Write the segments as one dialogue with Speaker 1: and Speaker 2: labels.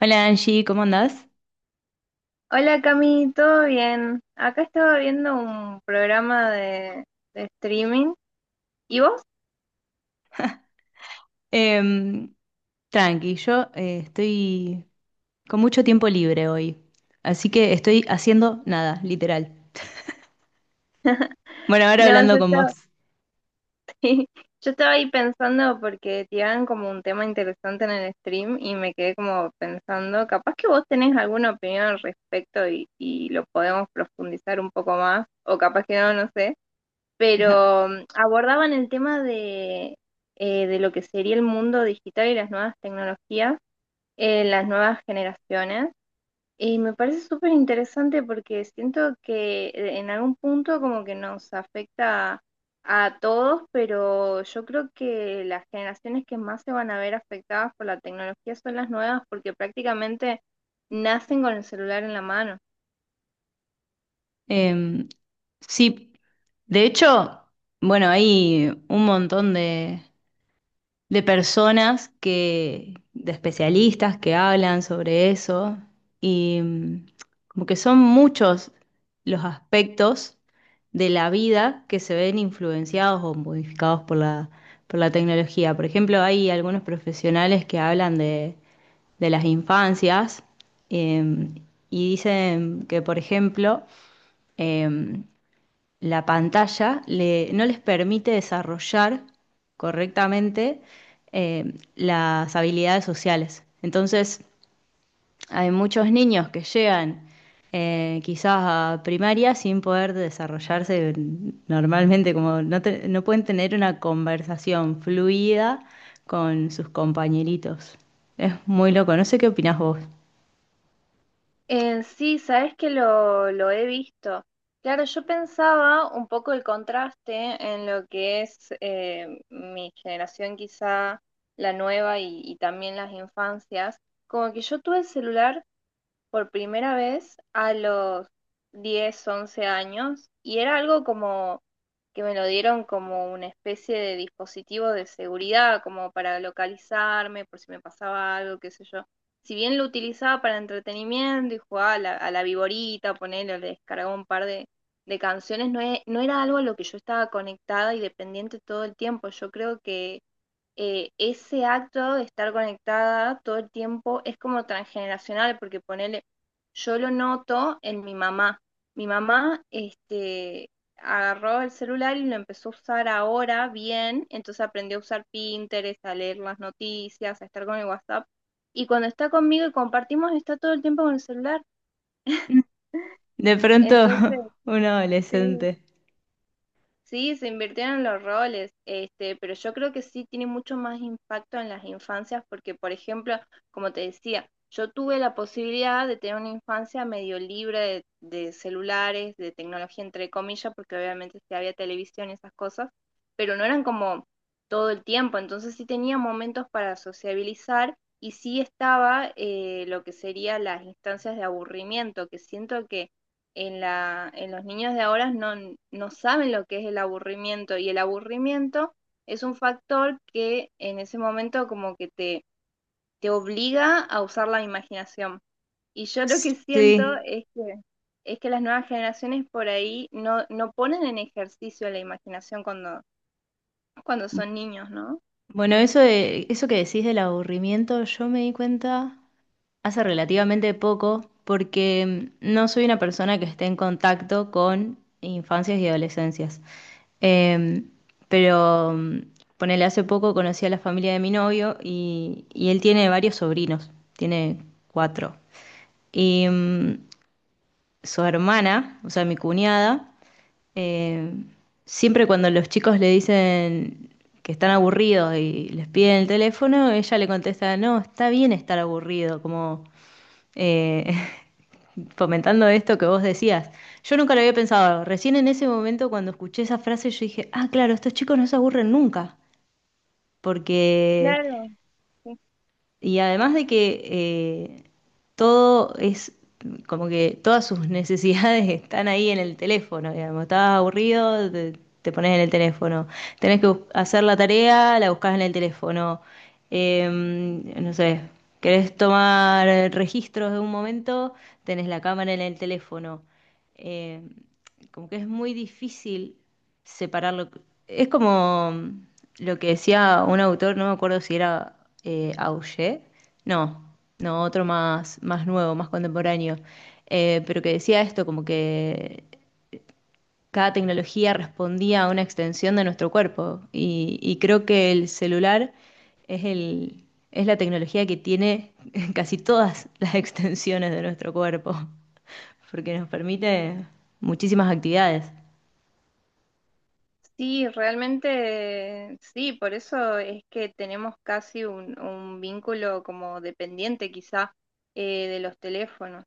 Speaker 1: Hola Angie, ¿cómo andás?
Speaker 2: Hola Cami, ¿todo bien? Acá estaba viendo un programa de streaming. ¿Y vos?
Speaker 1: Em, Tranqui, yo estoy con mucho tiempo libre hoy, así que estoy haciendo nada, literal. Bueno, ahora
Speaker 2: No,
Speaker 1: hablando
Speaker 2: yo
Speaker 1: con vos.
Speaker 2: estaba, sí, yo estaba ahí pensando porque tiraban como un tema interesante en el stream y me quedé como pensando, capaz que vos tenés alguna opinión al respecto y lo podemos profundizar un poco más, o capaz que no, no sé. Pero abordaban el tema de lo que sería el mundo digital y las nuevas tecnologías en las nuevas generaciones. Y me parece súper interesante porque siento que en algún punto como que nos afecta a todos, pero yo creo que las generaciones que más se van a ver afectadas por la tecnología son las nuevas porque prácticamente nacen con el celular en la mano.
Speaker 1: Em, sí, de hecho, bueno, hay un montón de personas de especialistas que hablan sobre eso y como que son muchos los aspectos de la vida que se ven influenciados o modificados por por la tecnología. Por ejemplo, hay algunos profesionales que hablan de las infancias eh, y dicen que, por ejemplo, eh, la no les permite desarrollar correctamente, las habilidades sociales. Entonces, hay muchos niños que llegan, quizás a primaria sin poder desarrollarse normalmente, como no, no pueden tener una conversación fluida con sus compañeritos. Es muy loco, no sé qué opinás vos.
Speaker 2: Sí, sabes que lo he visto. Claro, yo pensaba un poco el contraste en lo que es mi generación, quizá la nueva y también las infancias. Como que yo tuve el celular por primera vez a los 10 11 años y era algo como que me lo dieron como una especie de dispositivo de seguridad, como para localizarme por si me pasaba algo, qué sé yo. Si bien lo utilizaba para entretenimiento y jugaba a la viborita, ponerle, le descargaba un par de canciones, no era algo a lo que yo estaba conectada y dependiente todo el tiempo. Yo creo que ese acto de estar conectada todo el tiempo es como transgeneracional, porque ponele, yo lo noto en mi mamá. Mi mamá agarró el celular y lo empezó a usar ahora bien, entonces aprendió a usar Pinterest, a leer las noticias, a estar con el WhatsApp. Y cuando está conmigo y compartimos, está todo el tiempo con el celular.
Speaker 1: De pronto,
Speaker 2: Entonces,
Speaker 1: un
Speaker 2: sí,
Speaker 1: adolescente.
Speaker 2: sí, se invirtieron los roles, pero yo creo que sí tiene mucho más impacto en las infancias porque, por ejemplo, como te decía, yo tuve la posibilidad de tener una infancia medio libre de celulares, de tecnología, entre comillas, porque obviamente sí había televisión y esas cosas, pero no eran como todo el tiempo, entonces sí tenía momentos para sociabilizar y sí estaba lo que serían las instancias de aburrimiento, que siento en los niños de ahora no saben lo que es el aburrimiento y el aburrimiento es un factor que en ese momento como que te obliga a usar la imaginación. Y yo lo que siento
Speaker 1: Sí.
Speaker 2: es que las nuevas generaciones por ahí no ponen en ejercicio la imaginación cuando son niños, ¿no?
Speaker 1: Bueno, eso eso que decís del aburrimiento, yo me di cuenta hace relativamente poco, porque no soy una persona que esté en contacto con infancias y adolescencias. Eh, pero ponele, hace poco conocí a la familia de mi novio y él tiene varios sobrinos, tiene cuatro. Y su hermana, o sea, mi cuñada, eh, siempre cuando los chicos le dicen que están aburridos y les piden el teléfono, ella le contesta, no, está bien estar aburrido, como eh, fomentando esto que vos decías. Yo nunca lo había pensado, recién en ese momento cuando escuché esa frase yo dije, ah, claro, estos chicos no se aburren nunca, porque
Speaker 2: Claro, sí.
Speaker 1: y además de que todo es como que todas sus necesidades están ahí en el teléfono, digamos, estás aburrido, te pones en el teléfono, tenés que hacer la tarea, la buscas en el teléfono. No sé, querés tomar registros de un momento, tenés la cámara en el teléfono. Eh, Como que es muy difícil separarlo. Es como lo que decía un autor, no me acuerdo si era Auger, no, no, otro más, más nuevo, más contemporáneo, pero que decía esto, como que cada tecnología respondía a una extensión de nuestro cuerpo y creo que el celular es es la tecnología que tiene casi todas las extensiones de nuestro cuerpo, porque nos permite muchísimas actividades.
Speaker 2: Sí, realmente sí, por eso es que tenemos casi un vínculo como dependiente quizá de los teléfonos.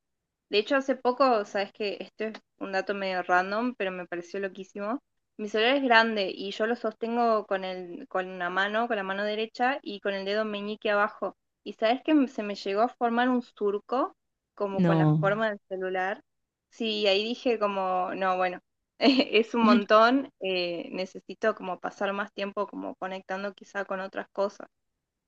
Speaker 2: De hecho, hace poco, sabes que esto es un dato medio random, pero me pareció loquísimo. Mi celular es grande y yo lo sostengo con una mano, con la mano derecha y con el dedo meñique abajo. Y sabes que se me llegó a formar un surco, como con la
Speaker 1: No.
Speaker 2: forma del celular. Sí, ahí dije como, no, bueno. Es un montón, necesito como pasar más tiempo como conectando quizá con otras cosas.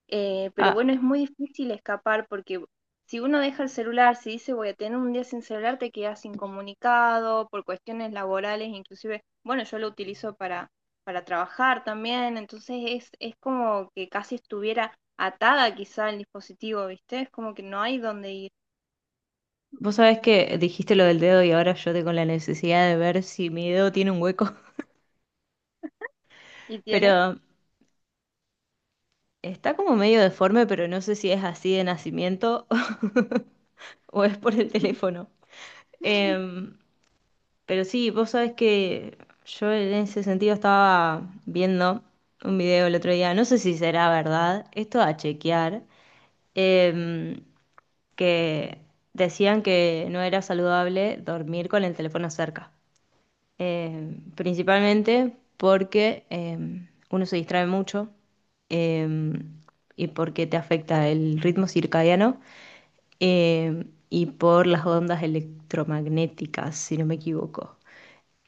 Speaker 2: Pero
Speaker 1: Ah,
Speaker 2: bueno, es muy difícil escapar porque si uno deja el celular, si dice voy a tener un día sin celular, te quedas incomunicado por cuestiones laborales, inclusive, bueno, yo lo utilizo para trabajar también, entonces es como que casi estuviera atada quizá al dispositivo, ¿viste? Es como que no hay dónde ir.
Speaker 1: vos sabés que dijiste lo del dedo y ahora yo tengo la necesidad de ver si mi dedo tiene un hueco,
Speaker 2: ¿Y tiene?
Speaker 1: pero está como medio deforme, pero no sé si es así de nacimiento o es por el teléfono. Em, pero sí, vos sabés que yo en ese sentido estaba viendo un video el otro día, no sé si será verdad, esto a chequear, em, que decían que no era saludable dormir con el teléfono cerca. Principalmente porque uno se distrae mucho, eh, y porque te afecta el ritmo circadiano, y por las ondas electromagnéticas, si no me equivoco.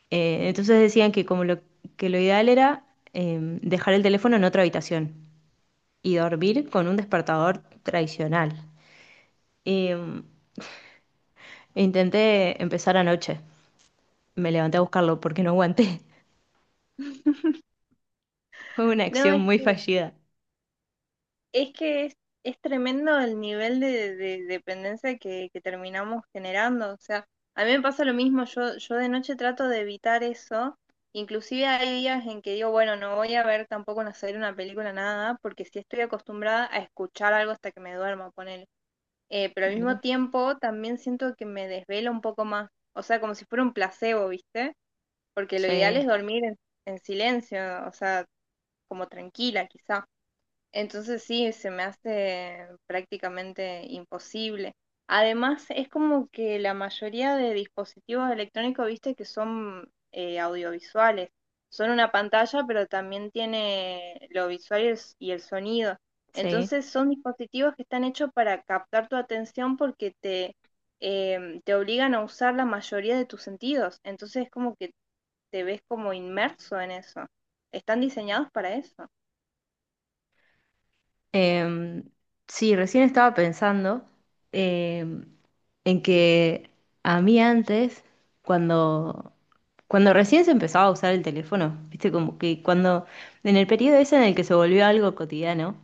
Speaker 1: Entonces decían que como que lo ideal era, dejar el teléfono en otra habitación y dormir con un despertador tradicional. Eh, intenté empezar anoche, me levanté a buscarlo porque no aguanté. Fue una
Speaker 2: No,
Speaker 1: acción
Speaker 2: es
Speaker 1: muy
Speaker 2: que
Speaker 1: fallida.
Speaker 2: Es que es, es tremendo el nivel de dependencia que terminamos generando. O sea, a mí me pasa lo mismo, yo de noche trato de evitar eso. Inclusive hay días en que digo, bueno, no voy a ver tampoco una serie, una película, nada, porque si estoy acostumbrada a escuchar algo hasta que me duerma, ponele. Pero al
Speaker 1: Mira,
Speaker 2: mismo tiempo también siento que me desvelo un poco más. O sea, como si fuera un placebo, ¿viste? Porque lo ideal es
Speaker 1: sí,
Speaker 2: dormir en silencio, o sea, como tranquila, quizá. Entonces sí, se me hace prácticamente imposible. Además, es como que la mayoría de dispositivos electrónicos, viste, que son audiovisuales. Son una pantalla, pero también tiene lo visual y el sonido.
Speaker 1: sí.
Speaker 2: Entonces son dispositivos que están hechos para captar tu atención porque te obligan a usar la mayoría de tus sentidos. Entonces es como que te ves como inmerso en eso. Están diseñados para eso.
Speaker 1: Em, sí, recién estaba pensando, em, en que a mí antes, cuando, cuando recién se empezaba a usar el teléfono, viste, como que cuando, en el periodo ese en el que se volvió algo cotidiano,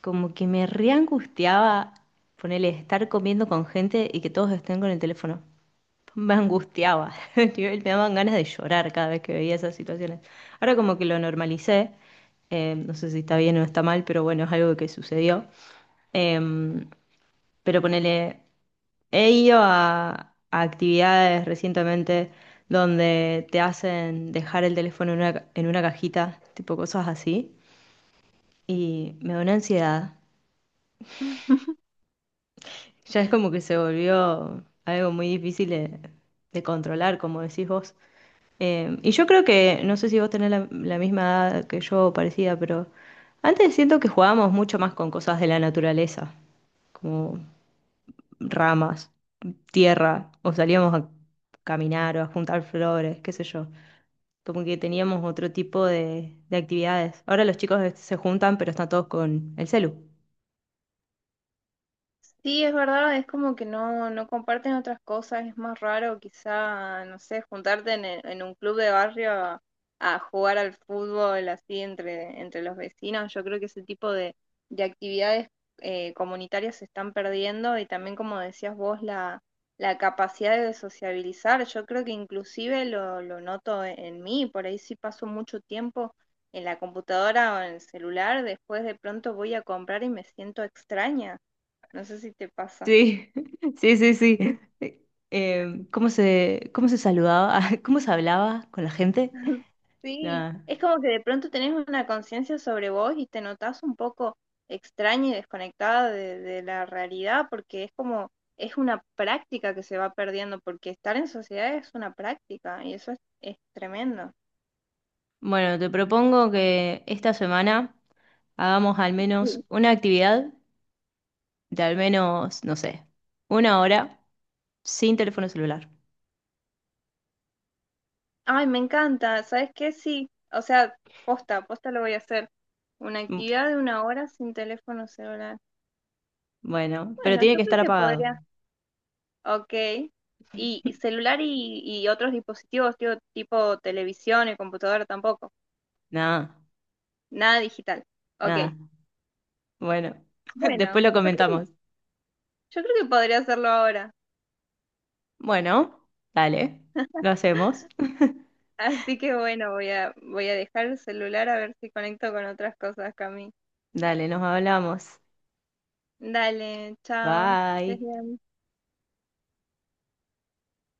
Speaker 1: como que me reangustiaba ponerle estar comiendo con gente y que todos estén con el teléfono. Me angustiaba, nivel, me daban ganas de llorar cada vez que veía esas situaciones. Ahora como que lo normalicé, no sé si está bien o está mal, pero bueno, es algo que sucedió. Eh, pero ponele, he ido a actividades recientemente donde te hacen dejar el teléfono en una, en una cajita, tipo cosas así, y me da una ansiedad. Ya es como que se volvió algo muy difícil de controlar, como decís vos. Y yo creo que, no sé si vos tenés la misma edad que yo, o parecida, pero antes siento que jugábamos mucho más con cosas de la naturaleza, como ramas, tierra, o salíamos a caminar o a juntar flores, qué sé yo. Como que teníamos otro tipo de actividades. Ahora los chicos se juntan, pero están todos con el celu.
Speaker 2: Sí, es verdad, es como que no comparten otras cosas, es más raro quizá, no sé, juntarte en un club de barrio a jugar al fútbol así entre los vecinos. Yo creo que ese tipo de actividades comunitarias se están perdiendo y también, como decías vos, la capacidad de sociabilizar. Yo creo que inclusive lo noto en mí, por ahí sí paso mucho tiempo en la computadora o en el celular, después de pronto voy a comprar y me siento extraña. No sé si te pasa.
Speaker 1: Sí, sí, sí, sí. ¿Cómo se saludaba? ¿Cómo se hablaba con la gente?
Speaker 2: Sí,
Speaker 1: Nada.
Speaker 2: es como que de pronto tenés una conciencia sobre vos y te notás un poco extraña y desconectada de la realidad porque es como, es una práctica que se va perdiendo porque estar en sociedad es una práctica y eso es tremendo.
Speaker 1: Bueno, te propongo que esta semana hagamos al menos
Speaker 2: Sí.
Speaker 1: una actividad de al menos, no sé, una hora sin teléfono celular.
Speaker 2: Ay, me encanta, ¿sabes qué? Sí, o sea, posta, posta lo voy a hacer. Una
Speaker 1: Mm,
Speaker 2: actividad de una hora sin teléfono celular.
Speaker 1: bueno, pero
Speaker 2: Bueno,
Speaker 1: tiene
Speaker 2: yo
Speaker 1: que
Speaker 2: creo
Speaker 1: estar
Speaker 2: que
Speaker 1: apagado.
Speaker 2: podría. Ok. Y celular y otros dispositivos, tío, tipo televisión y computadora tampoco.
Speaker 1: Nada,
Speaker 2: Nada digital. Ok.
Speaker 1: nada. Bueno, después
Speaker 2: Bueno,
Speaker 1: lo
Speaker 2: yo creo que,
Speaker 1: comentamos.
Speaker 2: yo creo que podría hacerlo ahora.
Speaker 1: Bueno, dale, lo hacemos.
Speaker 2: Así que bueno, voy a dejar el celular a ver si conecto con otras cosas, Cami.
Speaker 1: Dale, nos hablamos.
Speaker 2: Dale, chao. Estés
Speaker 1: Bye.
Speaker 2: bien.